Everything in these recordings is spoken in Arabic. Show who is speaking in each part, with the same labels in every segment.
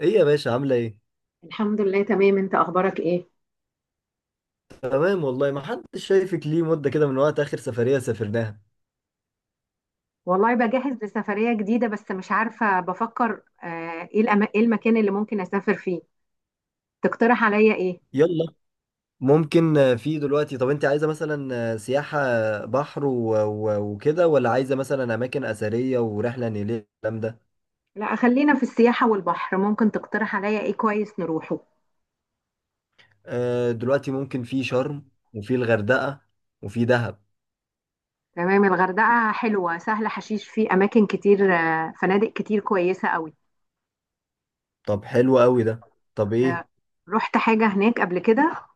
Speaker 1: ايه يا باشا عاملة ايه؟
Speaker 2: الحمد لله تمام، انت اخبارك ايه؟
Speaker 1: تمام والله ما حدش شايفك ليه مدة كده من وقت آخر سفرية سافرناها.
Speaker 2: والله بجهز لسفرية جديدة بس مش عارفة بفكر، ايه ايه المكان اللي ممكن اسافر فيه؟ تقترح عليا ايه؟
Speaker 1: يلا، ممكن في دلوقتي. طب انت عايزة مثلا سياحة بحر وكده، ولا عايزة مثلا أماكن أثرية ورحلة نيلية الكلام ده؟
Speaker 2: لا خلينا في السياحة والبحر، ممكن تقترح عليا ايه كويس نروحه؟
Speaker 1: دلوقتي ممكن في شرم، وفي الغردقة، وفي دهب.
Speaker 2: تمام، الغردقة حلوة، سهلة حشيش، في اماكن كتير، فنادق كتير كويسة قوي.
Speaker 1: طب حلو قوي ده. طب ايه؟
Speaker 2: آه، رحت حاجة هناك قبل كده؟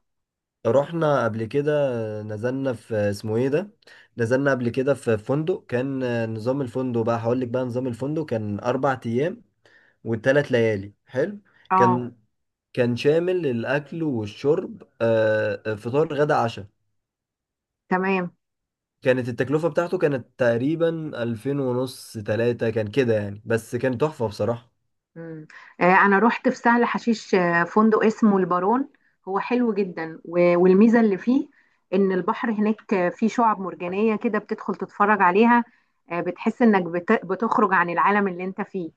Speaker 1: رحنا قبل كده، نزلنا في اسمه ايه ده؟ نزلنا قبل كده في فندق كان نظام الفندق، بقى هقول لك بقى نظام الفندق كان أربع أيام والتلات ليالي حلو.
Speaker 2: اه
Speaker 1: كان كان شامل الأكل والشرب، فطار غدا عشاء.
Speaker 2: تمام.
Speaker 1: كانت التكلفة بتاعته كانت تقريبا ألفين ونص تلاتة كان كده يعني، بس كان تحفة بصراحة.
Speaker 2: مم. انا رحت في سهل حشيش، فندق اسمه البارون. هو حلو جدا والميزه اللي فيه ان البحر هناك فيه شعاب مرجانيه كده، بتدخل تتفرج عليها. بتحس انك بتخرج عن العالم اللي انت فيه.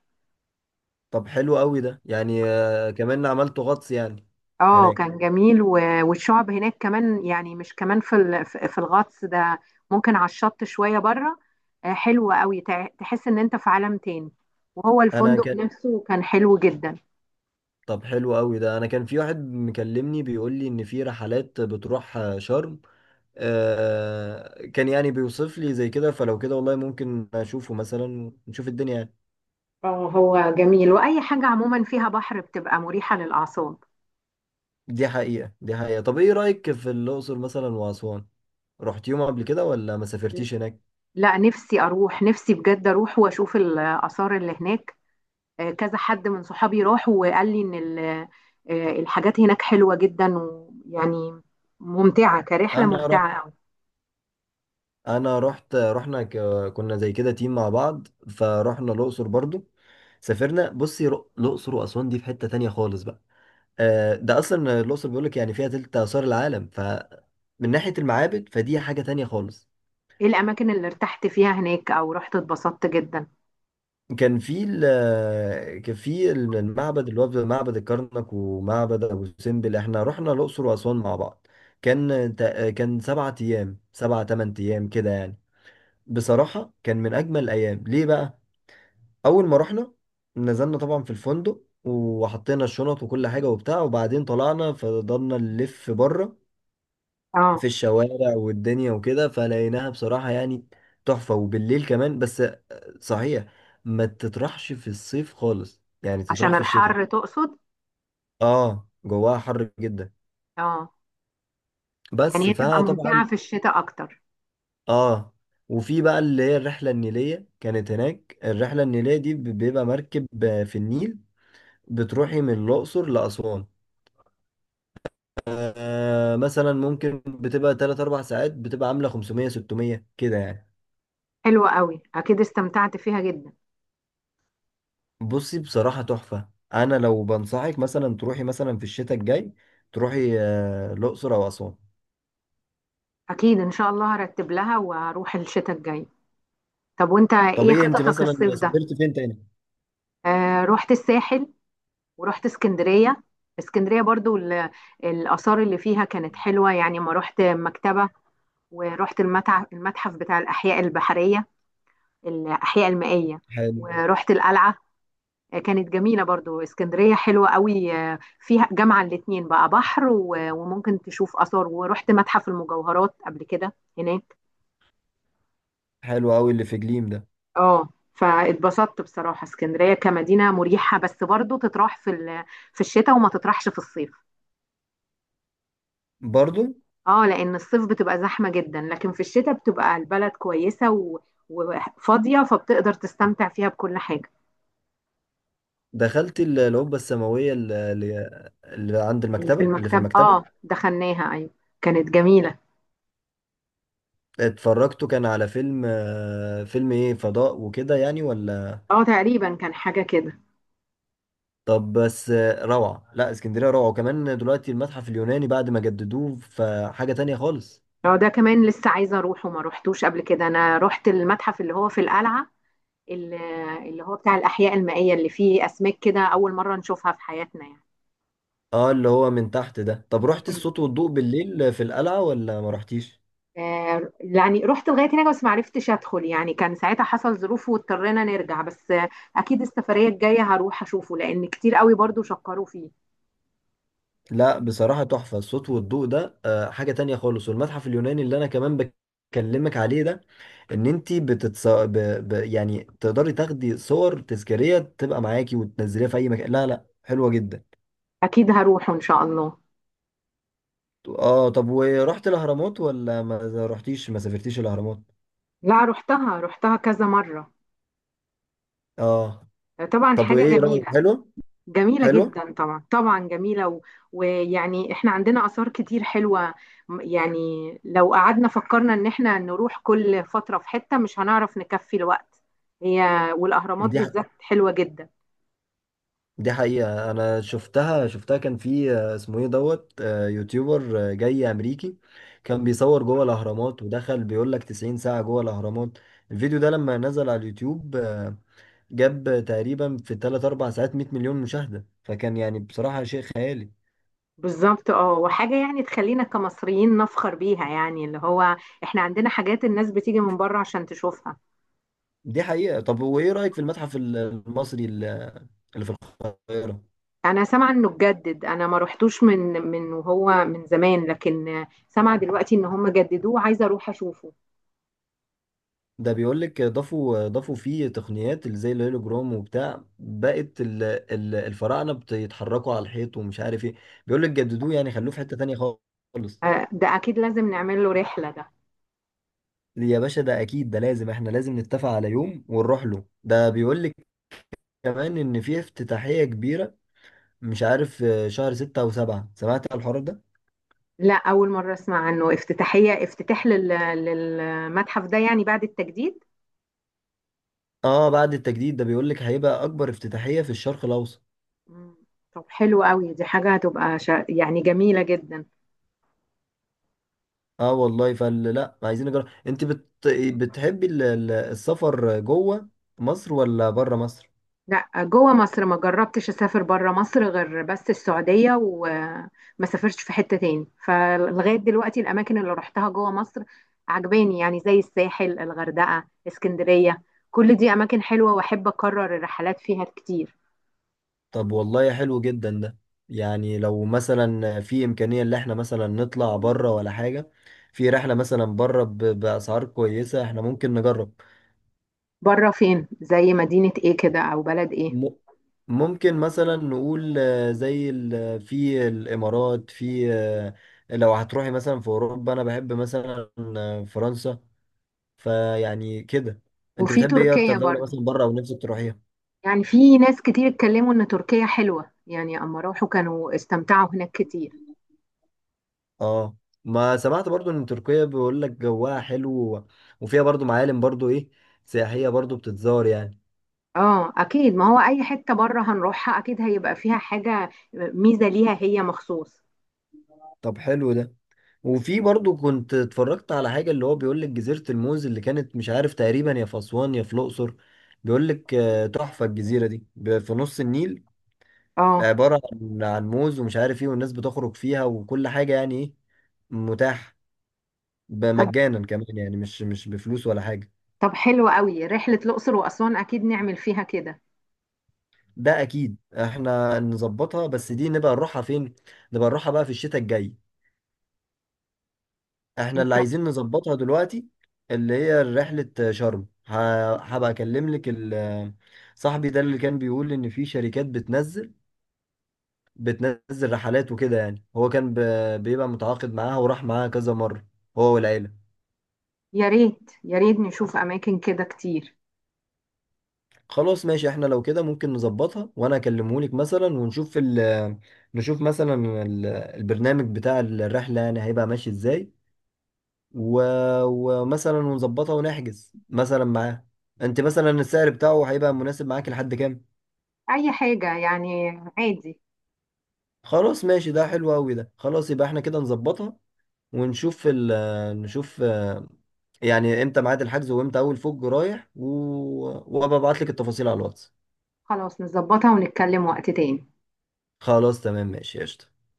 Speaker 1: طب حلو قوي ده، يعني كمان عملت غطس يعني
Speaker 2: اه
Speaker 1: هناك.
Speaker 2: كان جميل والشعب هناك كمان، يعني مش كمان في ال- في في الغطس ده، ممكن على الشط شويه بره. حلو قوي، تحس ان انت في عالم تاني. وهو
Speaker 1: أنا
Speaker 2: الفندق
Speaker 1: كان
Speaker 2: نفسه كان حلو جدا.
Speaker 1: طب حلو قوي ده. أنا كان في واحد مكلمني بيقول لي إن في رحلات بتروح شرم، كان يعني بيوصف لي زي كده، فلو كده والله ممكن أشوفه مثلا ونشوف الدنيا يعني.
Speaker 2: اه هو جميل، واي حاجه عموما فيها بحر بتبقى مريحه للاعصاب.
Speaker 1: دي حقيقة دي حقيقة. طب ايه رأيك في الأقصر مثلا وأسوان؟ رحت يوم قبل كده ولا ما سافرتيش هناك؟
Speaker 2: لا نفسي اروح، نفسي بجد اروح واشوف الاثار اللي هناك. كذا حد من صحابي راح وقال لي ان الحاجات هناك حلوه جدا، ويعني ممتعه، كرحله
Speaker 1: انا رحت
Speaker 2: ممتعه قوي.
Speaker 1: انا رحت كنا زي كده تيم مع بعض، فرحنا الأقصر برضو. سافرنا، بصي، الأقصر وأسوان دي في حتة تانية خالص بقى. ده أصلا الأقصر بيقولك يعني فيها تلت آثار العالم، فمن ناحية المعابد فدي حاجة تانية خالص.
Speaker 2: ايه الاماكن اللي ارتحت فيها هناك او رحت اتبسطت جدا؟
Speaker 1: كان في كان في المعبد اللي هو معبد الكرنك ومعبد ابو سمبل. احنا رحنا الاقصر واسوان مع بعض. كان سبعة ايام، سبعة تمن ايام كده يعني. بصراحة كان من اجمل الايام. ليه بقى؟ اول ما رحنا نزلنا طبعا في الفندق وحطينا الشنط وكل حاجة وبتاع، وبعدين طلعنا فضلنا نلف بره
Speaker 2: اه.
Speaker 1: في الشوارع والدنيا وكده، فلقيناها بصراحة يعني تحفة، وبالليل كمان. بس صحيح، ما تطرحش في الصيف خالص يعني، تطرح
Speaker 2: عشان
Speaker 1: في الشتاء.
Speaker 2: الحر تقصد؟
Speaker 1: اه جواها حر جدا،
Speaker 2: اه. يعني
Speaker 1: بس
Speaker 2: هي تبقى
Speaker 1: فطبعا
Speaker 2: ممتعه في الشتاء اكتر.
Speaker 1: اه. وفي بقى اللي هي الرحلة النيلية كانت هناك. الرحلة النيلية دي بيبقى مركب في النيل، بتروحي من الأقصر لأسوان. آه مثلا ممكن بتبقى 3 4 ساعات، بتبقى عاملة 500 600 كده يعني.
Speaker 2: حلوه قوي، اكيد استمتعت فيها جدا.
Speaker 1: بصي بصراحة تحفة. أنا لو بنصحك مثلا تروحي مثلا في الشتاء الجاي، تروحي الأقصر أو أسوان.
Speaker 2: أكيد إن شاء الله هرتب لها وهروح الشتاء الجاي. طب وأنت
Speaker 1: طب
Speaker 2: إيه
Speaker 1: إيه أنت
Speaker 2: خططك
Speaker 1: مثلا
Speaker 2: الصيف ده؟
Speaker 1: سافرت فين تاني؟
Speaker 2: آه رحت الساحل، ورحت اسكندرية. اسكندرية برضو الآثار اللي فيها كانت حلوة، يعني ما رحت مكتبة، ورحت المتحف، المتحف بتاع الأحياء البحرية، الأحياء المائية،
Speaker 1: حلو.
Speaker 2: ورحت القلعة. كانت جميلة برضو، اسكندرية حلوة قوي. فيها جامعة الاتنين بقى، بحر وممكن تشوف آثار. ورحت متحف المجوهرات قبل كده هناك.
Speaker 1: حلو أوي اللي في جليم ده.
Speaker 2: اه، فاتبسطت بصراحة. اسكندرية كمدينة مريحة، بس برضو تطرح في في الشتاء وما تطرحش في الصيف.
Speaker 1: برضو
Speaker 2: اه لأن الصيف بتبقى زحمة جدا، لكن في الشتاء بتبقى البلد كويسة وفاضية، فبتقدر تستمتع فيها بكل حاجة.
Speaker 1: دخلت القبة السماوية اللي عند
Speaker 2: اللي في
Speaker 1: المكتبة، اللي في
Speaker 2: المكتب، اه
Speaker 1: المكتبة.
Speaker 2: دخلناها ايوه، كانت جميلة.
Speaker 1: اتفرجتوا كان على فيلم، فيلم إيه، فضاء وكده يعني ولا؟
Speaker 2: اه تقريبا كان حاجة كده.
Speaker 1: طب بس روعة. لا، اسكندرية روعة، وكمان دلوقتي المتحف اليوناني بعد ما جددوه فحاجة تانية خالص.
Speaker 2: اه ده كمان لسه عايزة اروح وما روحتوش قبل كده. انا رحت المتحف اللي هو في القلعة، اللي اللي هو بتاع الأحياء المائية، اللي فيه أسماك كده أول مرة نشوفها في حياتنا.
Speaker 1: اه اللي هو من تحت ده. طب رحت
Speaker 2: يعني،
Speaker 1: الصوت والضوء بالليل في القلعة ولا ما رحتيش؟
Speaker 2: يعني رحت لغايه هناك بس ما عرفتش ادخل، يعني كان ساعتها حصل ظروف واضطرينا نرجع، بس اكيد السفريه الجايه هروح اشوفه، لان كتير قوي برضو شكروا فيه.
Speaker 1: لا بصراحة تحفة الصوت والضوء ده، حاجة تانية خالص. والمتحف اليوناني اللي انا كمان بكلمك عليه ده، ان انت يعني تقدري تاخدي صور تذكارية تبقى معاكي وتنزليها في اي مكان، لا لا حلوة جدا.
Speaker 2: اكيد هروحه ان شاء الله.
Speaker 1: اه، طب ورحت الاهرامات ولا ما رحتيش ما سافرتيش الاهرامات؟
Speaker 2: لا رحتها، رحتها كذا مره.
Speaker 1: اه.
Speaker 2: طبعا
Speaker 1: طب
Speaker 2: حاجه
Speaker 1: وايه رأيك؟
Speaker 2: جميله،
Speaker 1: حلو
Speaker 2: جميله
Speaker 1: حلو.
Speaker 2: جدا طبعا، طبعا جميله، و... ويعني احنا عندنا اثار كتير حلوه. يعني لو قعدنا فكرنا ان احنا نروح كل فتره في حته مش هنعرف نكفي الوقت. هي والاهرامات
Speaker 1: دي
Speaker 2: بالذات حلوه جدا.
Speaker 1: دي حقيقة. أنا شفتها كان في اسمه إيه، دوت، يوتيوبر جاي أمريكي، كان بيصور جوه الأهرامات. ودخل بيقول لك 90 ساعة جوه الأهرامات. الفيديو ده لما نزل على اليوتيوب جاب تقريبا في 3 4 ساعات 100 مليون مشاهدة، فكان يعني بصراحة شيء خيالي.
Speaker 2: بالظبط اه، وحاجة يعني تخلينا كمصريين نفخر بيها، يعني اللي هو احنا عندنا حاجات الناس بتيجي من بره عشان تشوفها.
Speaker 1: دي حقيقة. طب وإيه رأيك في المتحف المصري اللي في القاهرة؟
Speaker 2: انا سامعة انه اتجدد، انا ما روحتوش من وهو من زمان، لكن سامعة دلوقتي ان هم جددوه، عايزة اروح اشوفه.
Speaker 1: ده بيقول لك ضافوا فيه تقنيات اللي زي الهولوجرام وبتاع، بقت الفراعنه بيتحركوا على الحيط ومش عارف ايه. بيقول لك جددوه يعني، خلوه في حته تانية خالص.
Speaker 2: ده اكيد لازم نعمل له رحلة ده.
Speaker 1: يا باشا ده اكيد، ده لازم احنا لازم نتفق على يوم ونروح له. ده بيقول لك كمان ان في افتتاحيه كبيره، مش عارف شهر ستة او سبعة، سمعت على الحوار ده.
Speaker 2: لا اول مرة اسمع عنه افتتاحية، افتتاح للمتحف ده يعني بعد التجديد.
Speaker 1: اه بعد التجديد، ده بيقول لك هيبقى اكبر افتتاحيه في الشرق الاوسط.
Speaker 2: مم. طب حلو قوي، دي حاجة هتبقى يعني جميلة جدا.
Speaker 1: اه والله فال. لا، عايزين نجرب. انت بتحبي السفر جوه مصر ولا بره مصر؟
Speaker 2: لا جوه مصر، ما جربتش اسافر بره مصر غير بس السعوديه، وما سافرتش في حته تاني. فلغايه دلوقتي الاماكن اللي رحتها جوه مصر عجباني، يعني زي الساحل، الغردقه، اسكندريه، كل دي اماكن حلوه واحب اكرر الرحلات فيها كتير.
Speaker 1: طب والله حلو جدا ده يعني. لو مثلا في امكانية ان احنا مثلا نطلع بره ولا حاجة، في رحلة مثلا بره باسعار كويسة، احنا ممكن نجرب.
Speaker 2: بره فين؟ زي مدينه ايه كده او بلد ايه؟
Speaker 1: م... ممكن مثلا نقول زي في الامارات، في لو هتروحي مثلا في اوروبا انا بحب مثلا فرنسا. فيعني كده، انت
Speaker 2: وفي
Speaker 1: بتحبي ايه اكتر
Speaker 2: تركيا
Speaker 1: دولة
Speaker 2: برضو،
Speaker 1: مثلا بره او نفسك تروحيها؟
Speaker 2: يعني في ناس كتير اتكلموا ان تركيا حلوه، يعني اما راحوا كانوا استمتعوا هناك كتير.
Speaker 1: اه ما سمعت برضو ان تركيا بيقول لك جواها حلو، و- وفيها برضو معالم برضو ايه، سياحية، برضو بتتزار يعني.
Speaker 2: اه اكيد، ما هو اي حتة بره هنروحها اكيد هيبقى فيها حاجة ميزة ليها هي مخصوص.
Speaker 1: طب حلو ده. وفي برضو كنت اتفرجت على حاجة، اللي هو بيقول لك جزيرة الموز، اللي كانت مش عارف تقريبا يا في اسوان يا في الاقصر. بيقول لك تحفة الجزيرة دي، في نص النيل،
Speaker 2: اه
Speaker 1: عبارة عن موز ومش عارف ايه، والناس بتخرج فيها وكل حاجة يعني. ايه، متاح
Speaker 2: طب،
Speaker 1: مجانا كمان يعني، مش بفلوس ولا حاجة.
Speaker 2: طب حلو قوي، رحلة الاقصر واسوان اكيد نعمل فيها كده
Speaker 1: ده اكيد احنا نظبطها، بس دي نبقى نروحها فين؟ نبقى نروحها بقى في الشتاء الجاي. احنا
Speaker 2: ان
Speaker 1: اللي
Speaker 2: شاء
Speaker 1: عايزين نظبطها دلوقتي اللي هي رحلة شرم. هبقى اكلم لك صاحبي ده اللي كان بيقول ان في شركات بتنزل رحلات وكده يعني، هو كان بيبقى متعاقد معاها وراح معاها كذا مرة هو والعيلة.
Speaker 2: الله. يا ريت يا ريت نشوف اماكن كده كتير.
Speaker 1: خلاص ماشي، احنا لو كده ممكن نظبطها، وانا اكلمهولك مثلا ونشوف نشوف مثلا البرنامج بتاع الرحلة يعني هيبقى ماشي ازاي، و... ومثلا ونظبطها ونحجز مثلا معاه. انت مثلا السعر بتاعه هيبقى مناسب معاك لحد كام؟
Speaker 2: اي حاجة يعني، عادي.
Speaker 1: خلاص ماشي، ده حلو قوي ده. خلاص يبقى احنا كده نظبطها، ونشوف ال... نشوف يعني امتى ميعاد الحجز، وامتى اول فوج رايح، و... وابقى ابعت لك التفاصيل على الواتس.
Speaker 2: خلاص نظبطها ونتكلم وقت تاني.
Speaker 1: خلاص تمام ماشي قشطة.